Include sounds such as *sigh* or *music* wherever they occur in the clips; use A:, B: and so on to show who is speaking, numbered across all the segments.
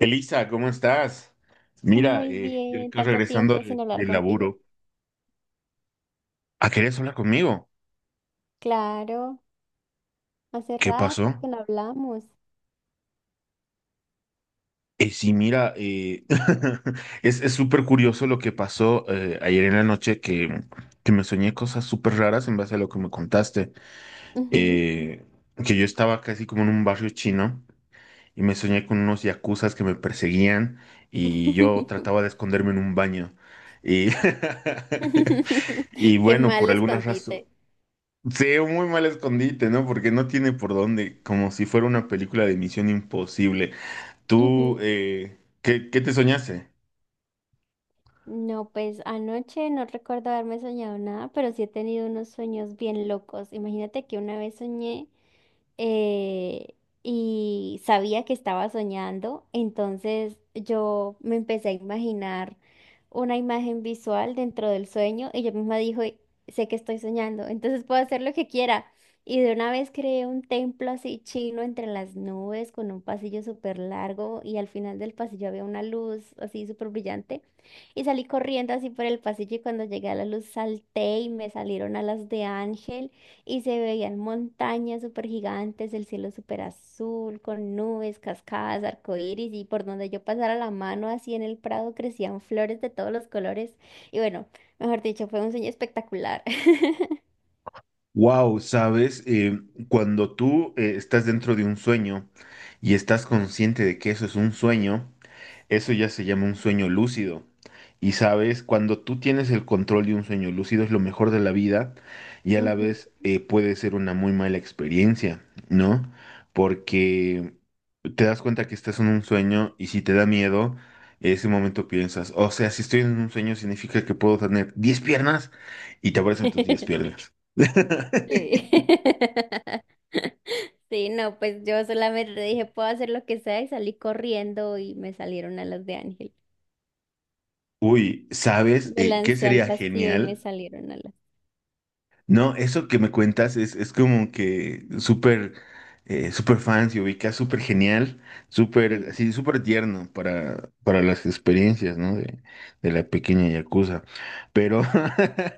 A: Elisa, ¿cómo estás? Mira,
B: Muy
A: yo
B: bien,
A: acá
B: tanto
A: regresando
B: tiempo sin hablar
A: del
B: contigo.
A: laburo. Ah, ¿querías hablar conmigo?
B: Claro, hace
A: ¿Qué
B: rato
A: pasó?
B: que no hablamos.
A: Sí, mira, *laughs* es súper curioso lo que pasó ayer en la noche que me soñé cosas súper raras en base a lo que me contaste.
B: Ujú.
A: Eh, que yo estaba casi como en un barrio chino y me soñé con unos yakuzas que me perseguían y yo
B: *laughs*
A: trataba de esconderme en un baño. Y,
B: *laughs*
A: *laughs* y
B: Qué
A: bueno,
B: mal
A: por alguna razón.
B: escondite.
A: Sí, un muy mal escondite, ¿no? Porque no tiene por dónde, como si fuera una película de Misión Imposible. Tú,
B: Ujú.
A: ¿ qué te soñaste?
B: No, pues anoche no recuerdo haberme soñado nada, pero sí he tenido unos sueños bien locos. Imagínate que una vez soñé, eh, y sabía que estaba soñando, entonces yo me empecé a imaginar una imagen visual dentro del sueño y yo misma dije, sé que estoy soñando, entonces puedo hacer lo que quiera. Y de una vez creé un templo así chino entre las nubes con un pasillo súper largo y al final del pasillo había una luz así súper brillante y salí corriendo así por el pasillo y cuando llegué a la luz salté y me salieron alas de ángel y se veían montañas súper gigantes, el cielo súper azul, con nubes, cascadas, arcoíris, y por donde yo pasara la mano así en el prado crecían flores de todos los colores. Y bueno, mejor dicho, fue un sueño espectacular. *laughs*
A: Wow, ¿sabes? Cuando tú estás dentro de un sueño y estás consciente de que eso es un sueño, eso ya se llama un sueño lúcido. Y sabes, cuando tú tienes el control de un sueño lúcido es lo mejor de la vida y a la
B: Ujú.
A: vez puede ser una muy mala experiencia, ¿no? Porque te das cuenta que estás en un sueño y si te da miedo, en ese momento piensas, o sea, si estoy en un sueño significa que puedo tener diez piernas y te aparecen tus 10
B: *laughs*
A: piernas. *laughs*
B: Sí. *laughs* Sí, no, pues yo solamente dije, puedo hacer lo que sea y salí corriendo y me salieron alas de ángel.
A: Uy, ¿sabes
B: Me
A: qué
B: lancé al
A: sería
B: vacío y me
A: genial?
B: salieron alas.
A: No, eso que me cuentas es como que súper súper fan, se ubica súper genial, súper
B: Sí.
A: así, súper tierno para las experiencias, ¿no? De la pequeña yakuza. Pero,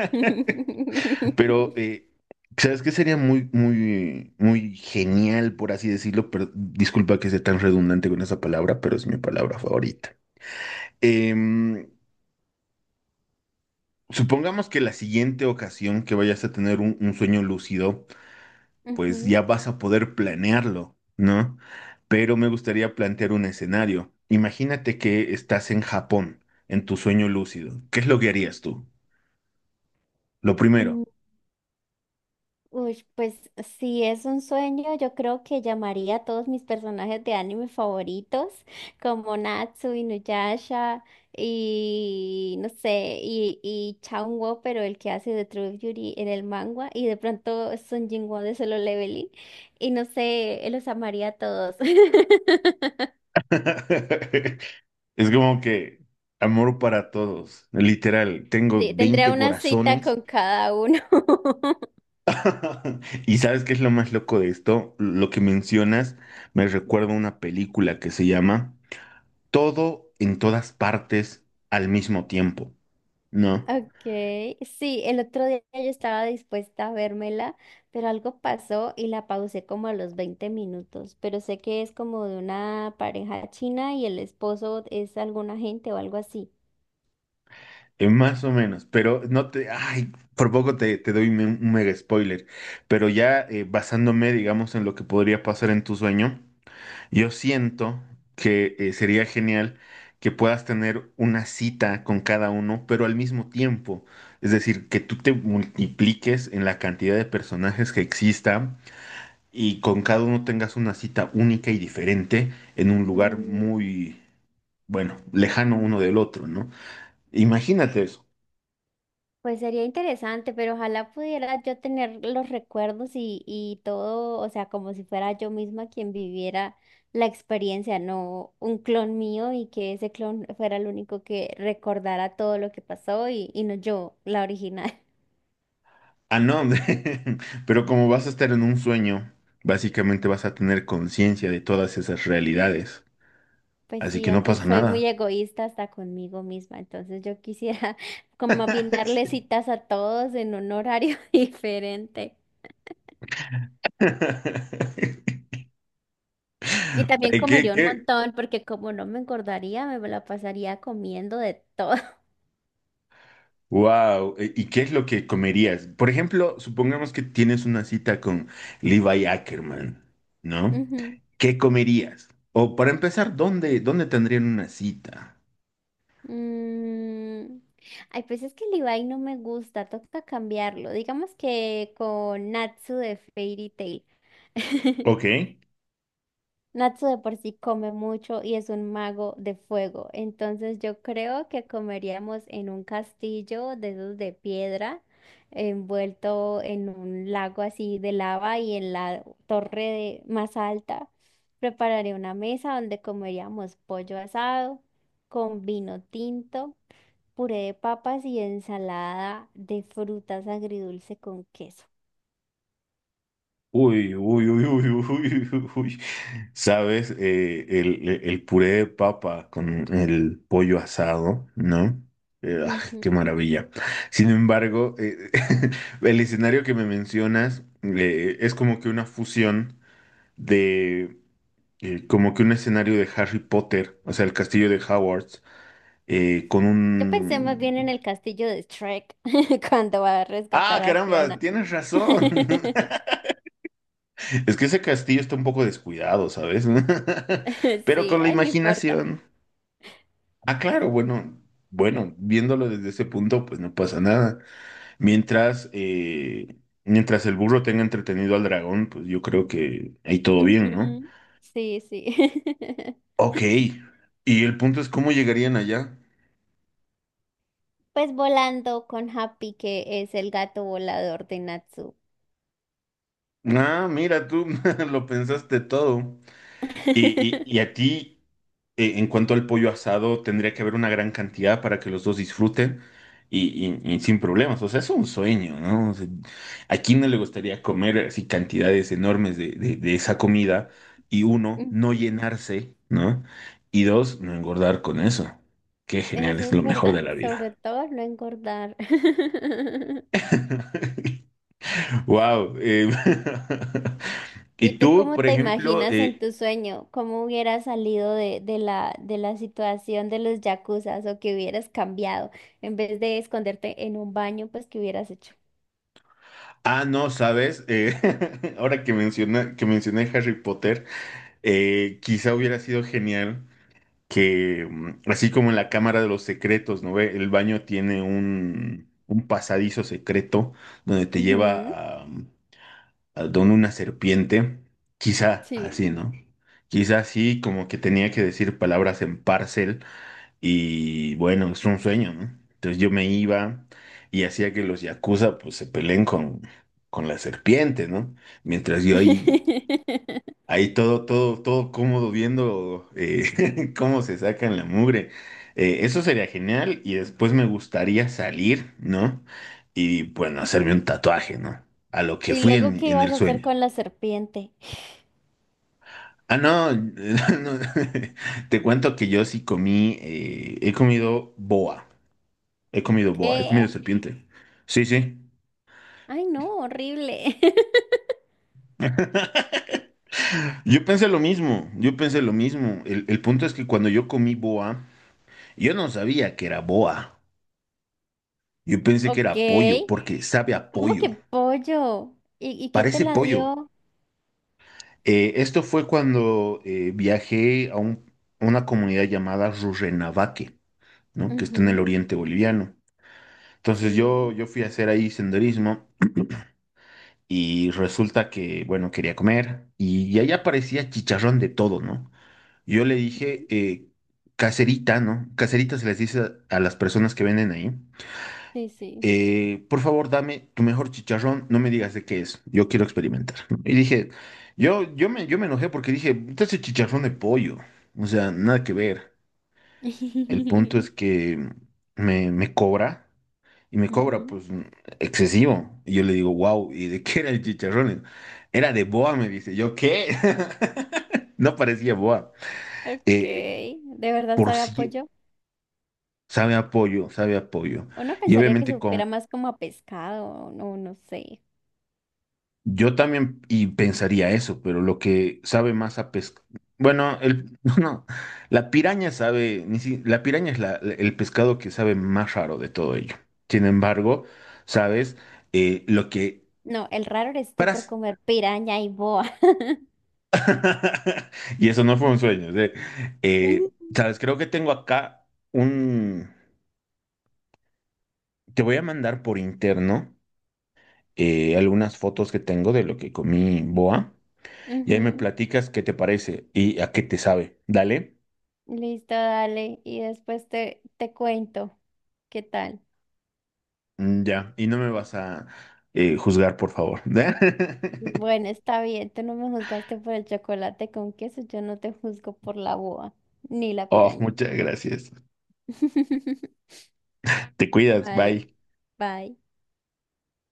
A: *laughs* pero
B: *laughs*
A: ¿sabes qué sería muy, muy, muy genial, por así decirlo? Pero, disculpa que sea tan redundante con esa palabra, pero es mi palabra favorita. Em, supongamos que la siguiente ocasión que vayas a tener un sueño lúcido pues ya vas a poder planearlo, ¿no? Pero me gustaría plantear un escenario. Imagínate que estás en Japón, en tu sueño lúcido. ¿Qué es lo que harías tú? Lo primero.
B: Ujú. Uy, pues si es un sueño, yo creo que llamaría a todos mis personajes de anime favoritos, como Natsu, Inuyasha y no sé, y Chaun pero el que hace de True Beauty en el manga, y de pronto Son Jinwoo de Solo Leveling, y no sé, los amaría a todos. *laughs*
A: *laughs* Es como que amor para todos, literal. Tengo
B: Sí, tendría
A: 20
B: una cita
A: corazones.
B: con cada uno. *laughs*
A: *laughs* ¿Y sabes qué es lo más loco de esto? Lo que mencionas me recuerda a una película que se llama Todo en todas partes al mismo tiempo, ¿no?
B: Okay, sí, el otro día yo estaba dispuesta a vérmela, pero algo pasó y la pausé como a los 20 minutos, pero sé que es como de una pareja china y el esposo es algún agente o algo así.
A: Más o menos, pero no te, ay, por poco te, te doy un mega spoiler, pero ya basándome, digamos, en lo que podría pasar en tu sueño, yo siento que sería genial que puedas tener una cita con cada uno, pero al mismo tiempo, es decir, que tú te multipliques en la cantidad de personajes que existan y con cada uno tengas una cita única y diferente en un lugar
B: Mm,
A: muy, bueno, lejano uno del otro, ¿no? Imagínate eso.
B: pues sería interesante, pero ojalá pudiera yo tener los recuerdos y todo, o sea, como si fuera yo misma quien viviera la experiencia, no un clon mío y que ese clon fuera el único que recordara todo lo que pasó y no yo, la original.
A: Ah, no, *laughs* pero como vas a estar en un sueño, básicamente vas a tener conciencia de todas esas realidades,
B: Pues
A: así
B: sí,
A: que no
B: aunque
A: pasa
B: soy muy
A: nada.
B: egoísta hasta conmigo misma, entonces yo quisiera *laughs* como más bien
A: *laughs*
B: darle
A: Sí.
B: citas a todos en un horario *laughs* diferente.
A: *laughs*
B: Y también
A: Ay, ¿
B: comería un
A: qué?
B: montón, porque como no me engordaría, me la pasaría comiendo de todo. *laughs*
A: Wow, ¿y qué es lo que comerías? Por ejemplo, supongamos que tienes una cita con Levi Ackerman, ¿no?
B: Ujú.
A: ¿Qué comerías? O para empezar, ¿ dónde tendrían una cita?
B: Mm, Ay, pues es que el Ibai no me gusta, toca cambiarlo. Digamos que con Natsu de Fairy Tail. *laughs*
A: Ok.
B: Natsu de por sí come mucho y es un mago de fuego, entonces yo creo que comeríamos en un castillo de esos de piedra, envuelto en un lago así de lava y en la torre más alta. Prepararé una mesa donde comeríamos pollo asado con vino tinto, puré de papas y ensalada de frutas agridulce con queso.
A: Uy, uy, uy, uy, *laughs* uy, uy, uy. ¿Sabes? El puré de papa con el pollo asado, ¿no? Ah, qué maravilla. Sin embargo, *laughs* el escenario que me mencionas es como que una fusión de, como que un escenario de Harry Potter, o sea, el castillo de Hogwarts, con
B: Yo pensé más bien en
A: un...
B: el castillo de Shrek *laughs* cuando va a
A: Ah,
B: rescatar a
A: caramba,
B: Fiona.
A: tienes razón. *laughs*
B: *laughs*
A: Es que ese castillo está un poco descuidado, ¿sabes? *laughs* Pero
B: Sí,
A: con la
B: ay, no importa.
A: imaginación. Ah, claro, bueno, bueno, viéndolo desde ese punto, pues no pasa nada. Mientras, eh, mientras el burro tenga entretenido al dragón, pues yo creo que ahí todo bien, ¿no?
B: Ujú, sí, sí. *laughs*
A: Ok. Y el punto es cómo llegarían allá.
B: Pues volando con Happy, que es el gato volador de Natsu.
A: Ah, mira, tú *laughs* lo pensaste todo. Y
B: *laughs*
A: a ti. En cuanto al pollo asado, tendría que haber una gran cantidad para que los dos disfruten y sin problemas. O sea, es un sueño, ¿no? O sea, ¿a quién no le gustaría comer así cantidades enormes de esa comida? Y uno, no
B: Ujú,
A: llenarse, ¿no? Y dos, no engordar con eso. Qué genial,
B: eso
A: es
B: es
A: lo mejor de
B: verdad,
A: la
B: sobre
A: vida.
B: todo no engordar. *laughs*
A: *laughs* Wow. *laughs*
B: ¿Y
A: Y
B: tú
A: tú,
B: cómo
A: por
B: te
A: ejemplo,
B: imaginas en tu sueño? ¿Cómo hubieras salido de la situación de los yakuzas o que hubieras cambiado en vez de esconderte en un baño, pues qué hubieras hecho?
A: ah, no, sabes, *laughs* ahora que que mencioné Harry Potter. Quizá hubiera sido genial que, así como en la Cámara de los Secretos, ¿no ve? El baño tiene un pasadizo secreto donde te
B: Ujú,
A: lleva a, a donde una serpiente. Quizá así,
B: sí.
A: ¿no? Quizá así, como que tenía que decir palabras en parcel y bueno, es un sueño, ¿no? Entonces yo me iba y hacía que los yakuza pues se peleen con la serpiente, ¿no? Mientras yo ahí
B: *laughs*
A: ahí todo, todo, todo cómodo viendo *laughs* cómo se sacan la mugre. Eso sería genial y después me gustaría salir, ¿no? Y bueno, hacerme un tatuaje, ¿no? A lo que
B: ¿Y
A: fui
B: luego qué
A: en
B: ibas
A: el
B: a hacer
A: sueño.
B: con la serpiente?
A: Ah, no, *laughs* no, te cuento que yo sí comí, he comido boa, he comido boa, he
B: ¿Qué?
A: comido serpiente. Sí, sí.
B: Ay, no, horrible. *laughs*
A: Yo pensé lo mismo, yo pensé lo mismo. El punto es que cuando yo comí boa, yo no sabía que era boa. Yo pensé que
B: Ok.
A: era pollo, porque sabe a
B: ¿Cómo
A: pollo.
B: que pollo? ¿Y quién te
A: Parece
B: la
A: pollo.
B: dio?
A: Esto fue cuando viajé a una comunidad llamada Rurrenabaque, ¿no? Que está en el
B: Ujú,
A: oriente boliviano. Entonces
B: sí.
A: yo fui a hacer ahí senderismo y resulta que, bueno, quería comer y ahí aparecía chicharrón de todo, ¿no? Yo le dije
B: Ujú,
A: caserita, ¿no? Caserita se les dice a las personas que venden ahí.
B: sí, sí.
A: Por favor, dame tu mejor chicharrón, no me digas de qué es, yo quiero experimentar. ¿No? Y dije, yo me enojé porque dije, este es chicharrón de pollo, o sea, nada que ver. El punto
B: *laughs*
A: es que me cobra y me cobra
B: Ujú.
A: pues excesivo. Y yo le digo, wow, ¿y de qué era el chicharrón? Era de boa, me dice, ¿yo qué? *laughs* No parecía boa.
B: Ok,
A: Eh,
B: ¿de verdad
A: por
B: sabe a
A: sí,
B: pollo?
A: sabe a pollo, sabe a pollo.
B: Uno
A: Y
B: pensaría que
A: obviamente
B: supiera más como a pescado, no, no sé.
A: yo también y pensaría eso, pero lo que sabe más a pesca, bueno, el *laughs* no, la piraña sabe, ni si- la piraña es el pescado que sabe más raro de todo ello. Sin embargo, sabes lo que
B: No, el raro eres tú
A: para
B: por comer piraña y boa. *laughs*
A: *laughs* y eso no fue un sueño, ¿sí?
B: Ujú.
A: Sabes, creo que tengo acá un, te voy a mandar por interno algunas fotos que tengo de lo que comí boa y ahí me
B: Ujú.
A: platicas qué te parece y a qué te sabe. Dale.
B: Listo, dale. Y después te cuento qué tal.
A: Mm, ya, y no me vas a juzgar, por favor. *laughs*
B: Bueno, está bien, tú no me juzgaste por el chocolate con queso, yo no te juzgo por la boa, ni la
A: Oh,
B: piraña.
A: muchas gracias.
B: *laughs*
A: Te cuidas,
B: Vale,
A: bye.
B: bye.